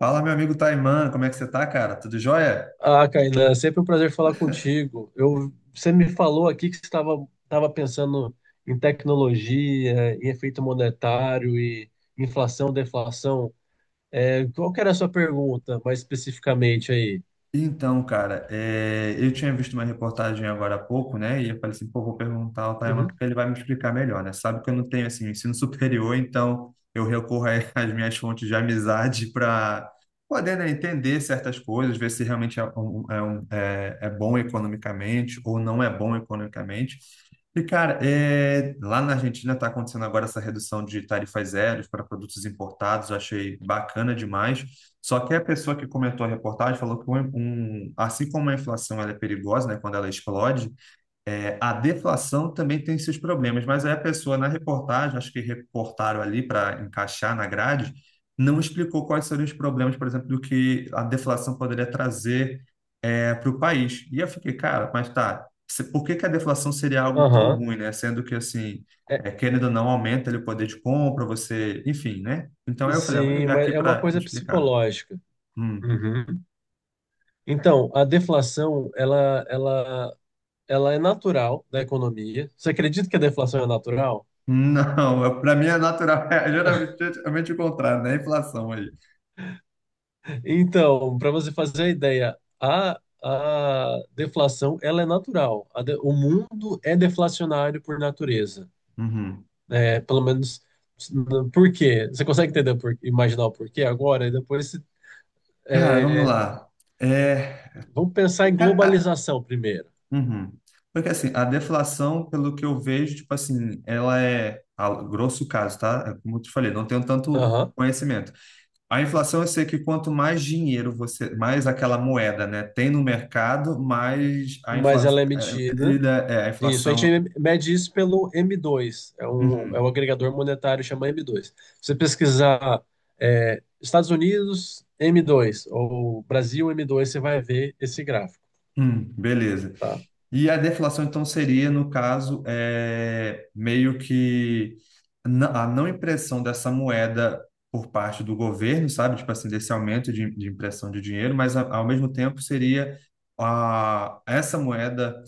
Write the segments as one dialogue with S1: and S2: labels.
S1: Fala, meu amigo Taiman, como é que você tá, cara? Tudo jóia?
S2: Ah, Kainan, é sempre um prazer falar contigo. Você me falou aqui que você estava pensando em tecnologia, em efeito monetário e inflação, deflação. Qual que era a sua pergunta, mais especificamente aí?
S1: Então, cara, eu tinha visto uma reportagem agora há pouco, né? E eu falei assim, pô, vou perguntar ao Tayama
S2: Uhum.
S1: porque ele vai me explicar melhor, né? Sabe que eu não tenho, assim, ensino superior, então eu recorro às minhas fontes de amizade para poder, né, entender certas coisas, ver se realmente é bom economicamente ou não é bom economicamente. E, cara, lá na Argentina está acontecendo agora essa redução de tarifas zero para produtos importados, eu achei bacana demais. Só que a pessoa que comentou a reportagem falou que, assim como a inflação ela é perigosa, né, quando ela explode, a deflação também tem seus problemas. Mas aí a pessoa na reportagem, acho que reportaram ali para encaixar na grade, não explicou quais seriam os problemas, por exemplo, do que a deflação poderia trazer para o país. E eu fiquei, cara, mas tá, por que que a deflação seria algo tão
S2: Aham.
S1: ruim, né? Sendo que, assim,
S2: É,
S1: querendo ou não, aumenta ali o poder de compra, você, enfim, né? Então aí eu falei, ah, vou
S2: sim,
S1: ligar
S2: mas
S1: aqui
S2: é uma
S1: para
S2: coisa
S1: explicar.
S2: psicológica.
S1: Hum.
S2: Uhum. Então, a deflação, ela é natural da economia. Você acredita que a deflação é natural?
S1: Não, para mim é natural, é geralmente, geralmente o contrário, né? A inflação aí.
S2: Então, para você fazer a ideia, a deflação ela é natural. A de- o mundo é deflacionário por natureza.
S1: Uhum.
S2: É, pelo menos, por quê? Você consegue entender, imaginar o porquê agora? E depois,
S1: Cara, vamos
S2: é,
S1: lá. É,
S2: vamos pensar
S1: eu
S2: em
S1: quero- a-
S2: globalização primeiro.
S1: uhum. Porque assim, a deflação, pelo que eu vejo, tipo assim, ela é, a grosso caso, tá? É como eu te falei, não tenho tanto
S2: Aham.
S1: conhecimento. A inflação, eu sei que quanto mais dinheiro você, mais aquela moeda, né, tem no mercado, mais a
S2: Mas ela
S1: inflação,
S2: é emitida.
S1: a
S2: Isso, a gente
S1: inflação.
S2: mede isso pelo m dois é um
S1: Uhum.
S2: agregador monetário chama m dois. Se você pesquisar é, Estados Unidos m dois ou Brasil m dois, você vai ver esse gráfico,
S1: Beleza.
S2: tá?
S1: E a deflação, então, seria, no caso, meio que a não impressão dessa moeda por parte do governo, sabe? Tipo assim, desse aumento de impressão de dinheiro, mas ao mesmo tempo seria essa moeda.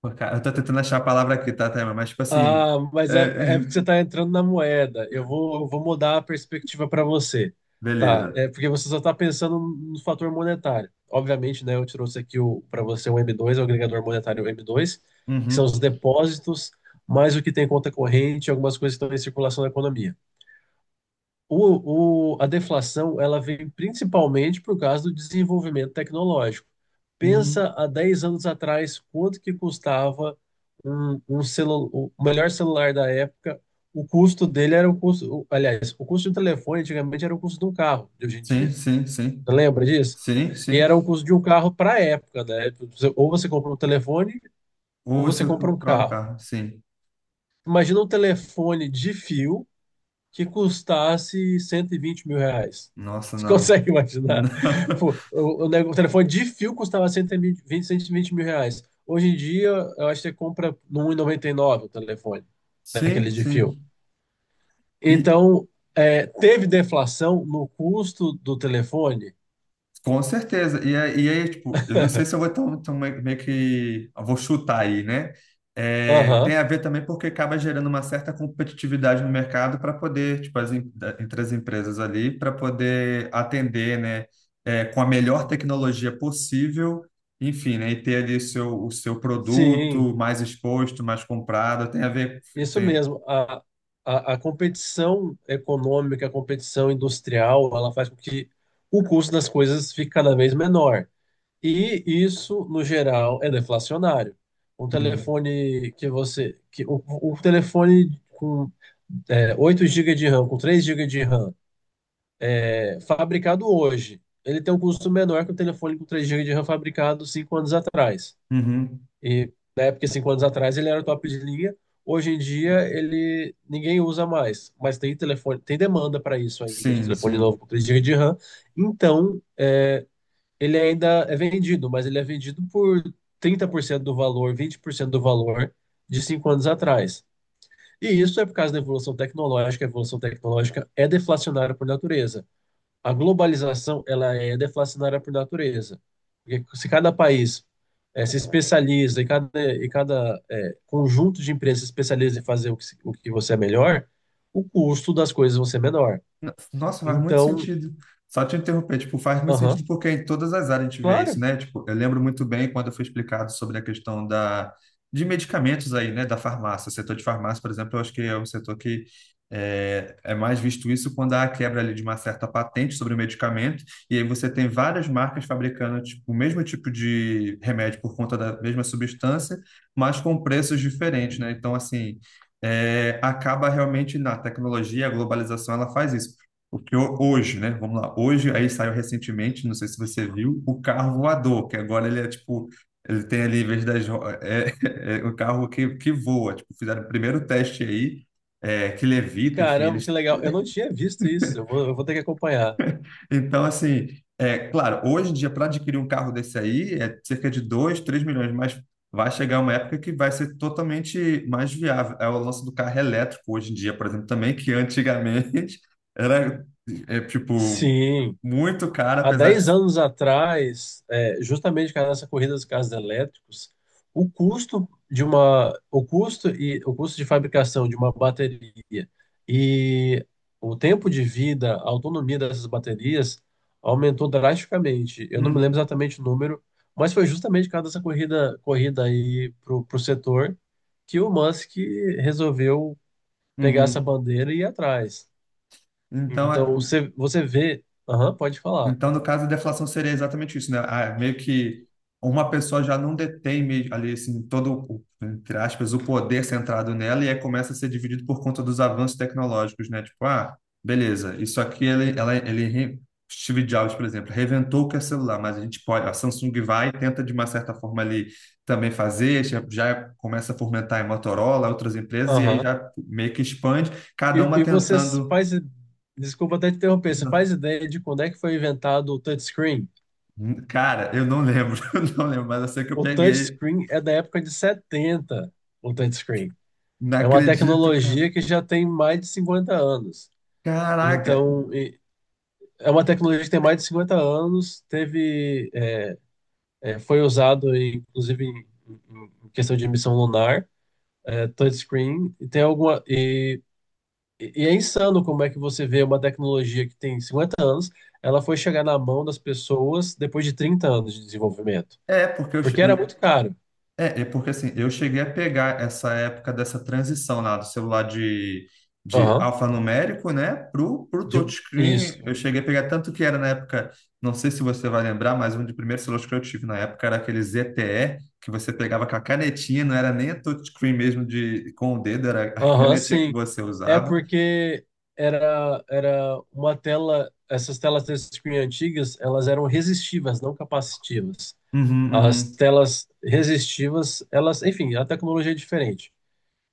S1: Pô, cara, eu tô tentando achar a palavra aqui, tá, Thelma? Mas, tipo assim.
S2: Ah,
S1: é,
S2: mas é, é porque você está entrando na moeda. Eu vou mudar a perspectiva para você. Tá,
S1: Beleza.
S2: é porque você só está pensando no fator monetário. Obviamente, né, eu trouxe aqui o para você o m dois, é o agregador monetário m dois, que são
S1: Uhum.
S2: os depósitos, mais o que tem em conta corrente, algumas coisas que estão em circulação na economia. A deflação ela veio principalmente por causa do desenvolvimento tecnológico.
S1: Hum.
S2: Pensa há 10 anos atrás quanto que custava um celu, o melhor celular da época. O custo dele era o custo, o- aliás, o custo de um telefone antigamente era o custo de um carro de hoje em
S1: Sim,
S2: dia.
S1: sim, sim.
S2: Você lembra disso?
S1: Sim,
S2: E
S1: sim.
S2: era o custo de um carro para a época, né? Ou você compra um telefone
S1: Ou
S2: ou
S1: você
S2: você compra um
S1: prova o
S2: carro.
S1: carro. Sim.
S2: Imagina um telefone de fio que custasse 120 mil reais.
S1: Nossa,
S2: Você
S1: não.
S2: consegue
S1: Não.
S2: imaginar? Pô, O, o nego- o telefone de fio custava cento e vinte mil reais. Hoje em dia, eu acho que você compra no um e noventa e nove o telefone,
S1: Sim,
S2: daqueles de fio.
S1: sim. E,
S2: Então, é, teve deflação no custo do telefone?
S1: Com certeza. E aí, tipo, eu não sei se eu vou tão, tão meio que, eu vou chutar aí, né? Tem
S2: Aham,
S1: a ver também porque acaba gerando uma certa competitividade no mercado para poder, tipo, entre as empresas ali, para poder atender, né? Com a melhor tecnologia possível, enfim, né? E ter ali o seu
S2: sim,
S1: produto mais exposto, mais comprado. Tem a ver.
S2: isso
S1: Tem.
S2: mesmo. A competição econômica, a competição industrial, ela faz com que o custo das coisas fique cada vez menor. E isso, no geral, é deflacionário. Um
S1: Uhum.
S2: telefone que você. O telefone com é, 8 GB de RAM, com 3 gigas de RAM, é, fabricado hoje, ele tem um custo menor que o telefone com 3 gigas de RAM fabricado 5 anos atrás.
S1: Uhum.
S2: E na época, 5 anos atrás, ele era top de linha. Hoje em dia, ele ninguém usa mais. Mas tem telefone, tem demanda para isso ainda, de
S1: Sim,
S2: telefone novo
S1: sim.
S2: com 3 gigas de RAM. Então, é, ele ainda é vendido, mas ele é vendido por 30% do valor, 20% do valor de cinco anos atrás. E isso é por causa da evolução tecnológica. A evolução tecnológica é deflacionária por natureza. A globalização, ela é deflacionária por natureza. Porque se cada país eh, se especializa e cada eh, conjunto de empresas se especializa em fazer o que, se- o que você é melhor, o custo das coisas vão ser menor.
S1: Nossa, faz muito
S2: Então,
S1: sentido. Só te interromper, tipo, faz muito sentido
S2: aham,
S1: porque em todas as áreas a gente vê isso,
S2: claro.
S1: né? Tipo, eu lembro muito bem quando foi explicado sobre a questão de medicamentos aí, né? Da farmácia, o setor de farmácia, por exemplo, eu acho que é um setor que é mais visto isso quando há a quebra ali de uma certa patente sobre o medicamento e aí você tem várias marcas fabricando, tipo, o mesmo tipo de remédio por conta da mesma substância, mas com preços diferentes, né? Então, assim... acaba realmente na tecnologia, a globalização, ela faz isso porque hoje, né? Vamos lá. Hoje, aí saiu recentemente, não sei se você viu, o carro voador, que agora ele é tipo. Ele tem ali, em vez das, é um carro que voa. Tipo, fizeram o primeiro teste aí, que levita, enfim,
S2: Caramba,
S1: eles.
S2: que legal. Eu não tinha visto isso. Eu vou ter que acompanhar.
S1: Então, assim, é claro, hoje em dia, para adquirir um carro desse aí, é cerca de 2 3 milhões, mas vai chegar uma época que vai ser totalmente mais viável. É o lance do carro elétrico hoje em dia, por exemplo, também, que antigamente era, tipo,
S2: Sim.
S1: muito caro,
S2: Há
S1: apesar de.
S2: 10 anos atrás, é, justamente por causa dessa corrida dos carros elétricos, o custo de uma, o custo e o custo de fabricação de uma bateria e o tempo de vida, a autonomia dessas baterias aumentou drasticamente. Eu não me lembro
S1: Uhum,
S2: exatamente o número, mas foi justamente por causa dessa corrida aí pro, pro setor que o Musk resolveu pegar essa
S1: uhum.
S2: bandeira e ir atrás.
S1: Então,
S2: Então,
S1: é-
S2: você, você vê. Aham, pode falar.
S1: Então, no caso da deflação, seria exatamente isso, né? Ah, é meio que uma pessoa já não detém ali, assim, todo, entre aspas, o poder centrado nela e aí começa a ser dividido por conta dos avanços tecnológicos, né? Tipo, ah, beleza, isso aqui, ele, ela, ele, re- Steve Jobs, por exemplo, reventou o que é celular, mas a gente pode, a Samsung vai e tenta de uma certa forma ali também fazer, já, já começa a fomentar em Motorola, outras empresas, e aí
S2: Aham.
S1: já meio que expande, cada uma
S2: E você
S1: tentando.
S2: faz. Desculpa até te interromper. Você faz ideia de quando é que foi inventado o touchscreen?
S1: Cara, eu não lembro, eu não lembro, mas eu sei que eu
S2: O
S1: peguei.
S2: touchscreen é da época de 70. O touchscreen.
S1: Não
S2: É uma
S1: acredito, cara.
S2: tecnologia que já tem mais de 50 anos.
S1: Caraca.
S2: Então, e- é uma tecnologia que tem mais de 50 anos, teve, é, é, foi usado, em- inclusive, em, em questão de missão lunar, é, touchscreen, e tem alguma. E é insano como é que você vê uma tecnologia que tem 50 anos, ela foi chegar na mão das pessoas depois de trinta anos de desenvolvimento.
S1: É porque eu, che-
S2: Porque era
S1: eu-
S2: muito caro.
S1: É porque assim, eu cheguei a pegar essa época dessa transição lá do celular de
S2: Aham,
S1: alfanumérico, né, pro
S2: de-
S1: touchscreen. Eu
S2: isso.
S1: cheguei a pegar tanto que era na época, não sei se você vai lembrar, mas um dos primeiros celulares que eu tive na época era aquele ZTE que você pegava com a canetinha, não era nem a touchscreen mesmo de com o dedo, era a
S2: Aham,
S1: canetinha que
S2: sim.
S1: você
S2: É
S1: usava.
S2: porque era uma tela, essas telas touchscreen antigas, elas eram resistivas, não capacitivas. As
S1: Uhum,
S2: telas resistivas, elas, enfim, a tecnologia é diferente.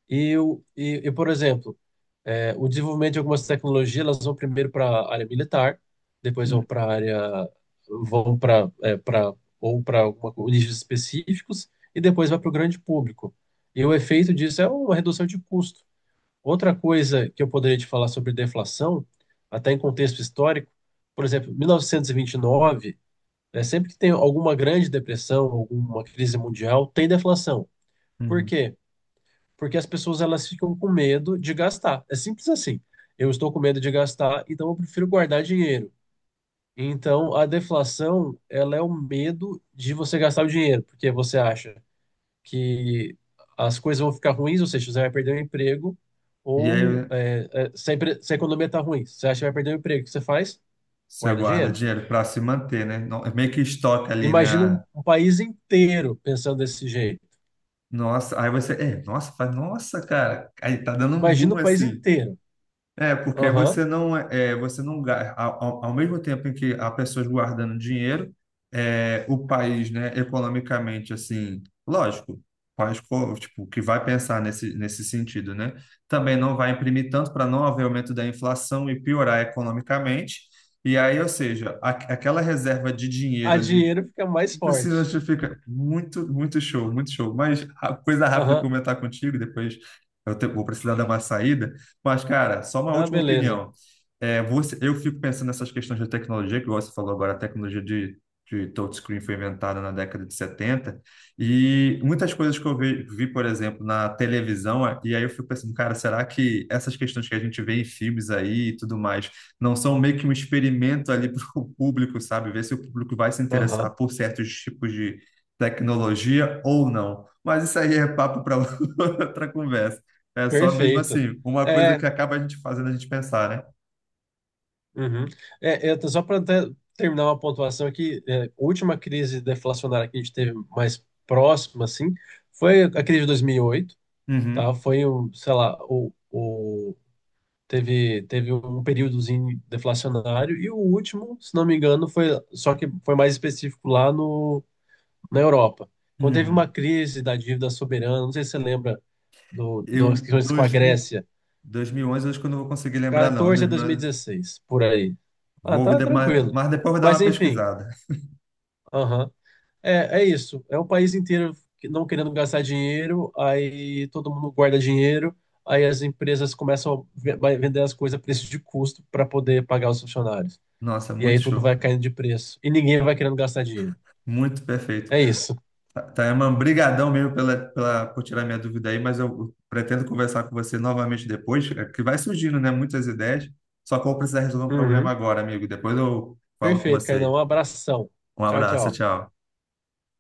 S2: E, por exemplo, é, o desenvolvimento de algumas tecnologias, elas vão primeiro para a área militar, depois vão
S1: uhum.
S2: para a área, vão para para ou para nichos específicos e depois vai para o grande público. E o efeito disso é uma redução de custo. Outra coisa que eu poderia te falar sobre deflação, até em contexto histórico, por exemplo, 1929, né, sempre que tem alguma grande depressão, alguma crise mundial, tem deflação. Por
S1: Uhum.
S2: quê? Porque as pessoas elas ficam com medo de gastar. É simples assim. Eu estou com medo de gastar, então eu prefiro guardar dinheiro. Então a deflação, ela é o medo de você gastar o dinheiro, porque você acha que as coisas vão ficar ruins, ou seja, você vai perder o emprego,
S1: E
S2: ou
S1: aí
S2: é, é, se, a, empre- se a economia está ruim, você acha que vai perder o emprego, o que você faz?
S1: você
S2: Guarda
S1: guarda
S2: dinheiro.
S1: dinheiro para se manter, né? Meio que estoca ali,
S2: Imagina
S1: né?
S2: um país inteiro pensando desse jeito.
S1: Nossa, aí você, nossa, faz, nossa, cara, aí tá dando um
S2: Imagina
S1: boom
S2: o país
S1: assim.
S2: inteiro.
S1: Porque aí
S2: Aham.
S1: você não ao mesmo tempo em que há pessoas guardando dinheiro, o país, né, economicamente assim, lógico, o país tipo que vai pensar nesse sentido, né? Também não vai imprimir tanto para não haver aumento da inflação e piorar economicamente. E aí, ou seja, aquela reserva de dinheiro
S2: A
S1: ali.
S2: dinheiro fica mais
S1: Tipo
S2: forte.
S1: assim, fica muito, muito show, muito show. Mas a coisa rápida que eu
S2: Aham.
S1: comentar contigo, depois vou precisar dar uma saída. Mas, cara, só uma
S2: Ah,
S1: última
S2: beleza.
S1: opinião. Eu fico pensando nessas questões de tecnologia, que você falou agora, a tecnologia de touchscreen foi inventada na década de 70 e muitas coisas que eu vi, por exemplo, na televisão, e aí eu fico pensando, cara, será que essas questões que a gente vê em filmes aí e tudo mais não são meio que um experimento ali para o público, sabe? Ver se o público vai se
S2: Aham,
S1: interessar por certos tipos de tecnologia ou não. Mas isso aí é papo para outra conversa. É só mesmo
S2: perfeito.
S1: assim, uma coisa que
S2: É,
S1: acaba a gente fazendo a gente pensar, né?
S2: uhum. Só para terminar uma pontuação aqui, é, a última crise deflacionária que a gente teve mais próxima, assim, foi a crise de 2008, tá?
S1: Uhum,
S2: Foi, um, sei lá, o, teve um períodozinho deflacionário e o último, se não me engano, foi, só que foi mais específico lá no, na Europa. Quando teve uma
S1: uhum.
S2: crise da dívida soberana, não sei se você lembra do,
S1: Eu,
S2: das questões com a
S1: 2000,
S2: Grécia,
S1: 2011, acho que eu não vou conseguir lembrar, não.
S2: 14 a
S1: 2011,
S2: 2016, por aí. Ah,
S1: vou,
S2: tá tranquilo.
S1: mas depois eu vou dar
S2: Mas
S1: uma
S2: enfim,
S1: pesquisada.
S2: aham. É, é isso. É o país inteiro que- não querendo gastar dinheiro, aí todo mundo guarda dinheiro, aí as empresas começam a ve- vai vender as coisas a preço de custo para poder pagar os funcionários.
S1: Nossa,
S2: E
S1: muito
S2: aí tudo vai
S1: show.
S2: caindo de preço. E ninguém vai querendo gastar dinheiro.
S1: Muito perfeito.
S2: É isso.
S1: Tayaman, brigadão mesmo por tirar minha dúvida aí, mas eu pretendo conversar com você novamente depois, é que vai surgindo, né, muitas ideias, só que eu vou precisar resolver um problema
S2: Uhum.
S1: agora, amigo. Depois eu falo com
S2: Perfeito, Cainão.
S1: você.
S2: Um abração.
S1: Um
S2: Tchau,
S1: abraço,
S2: tchau.
S1: tchau.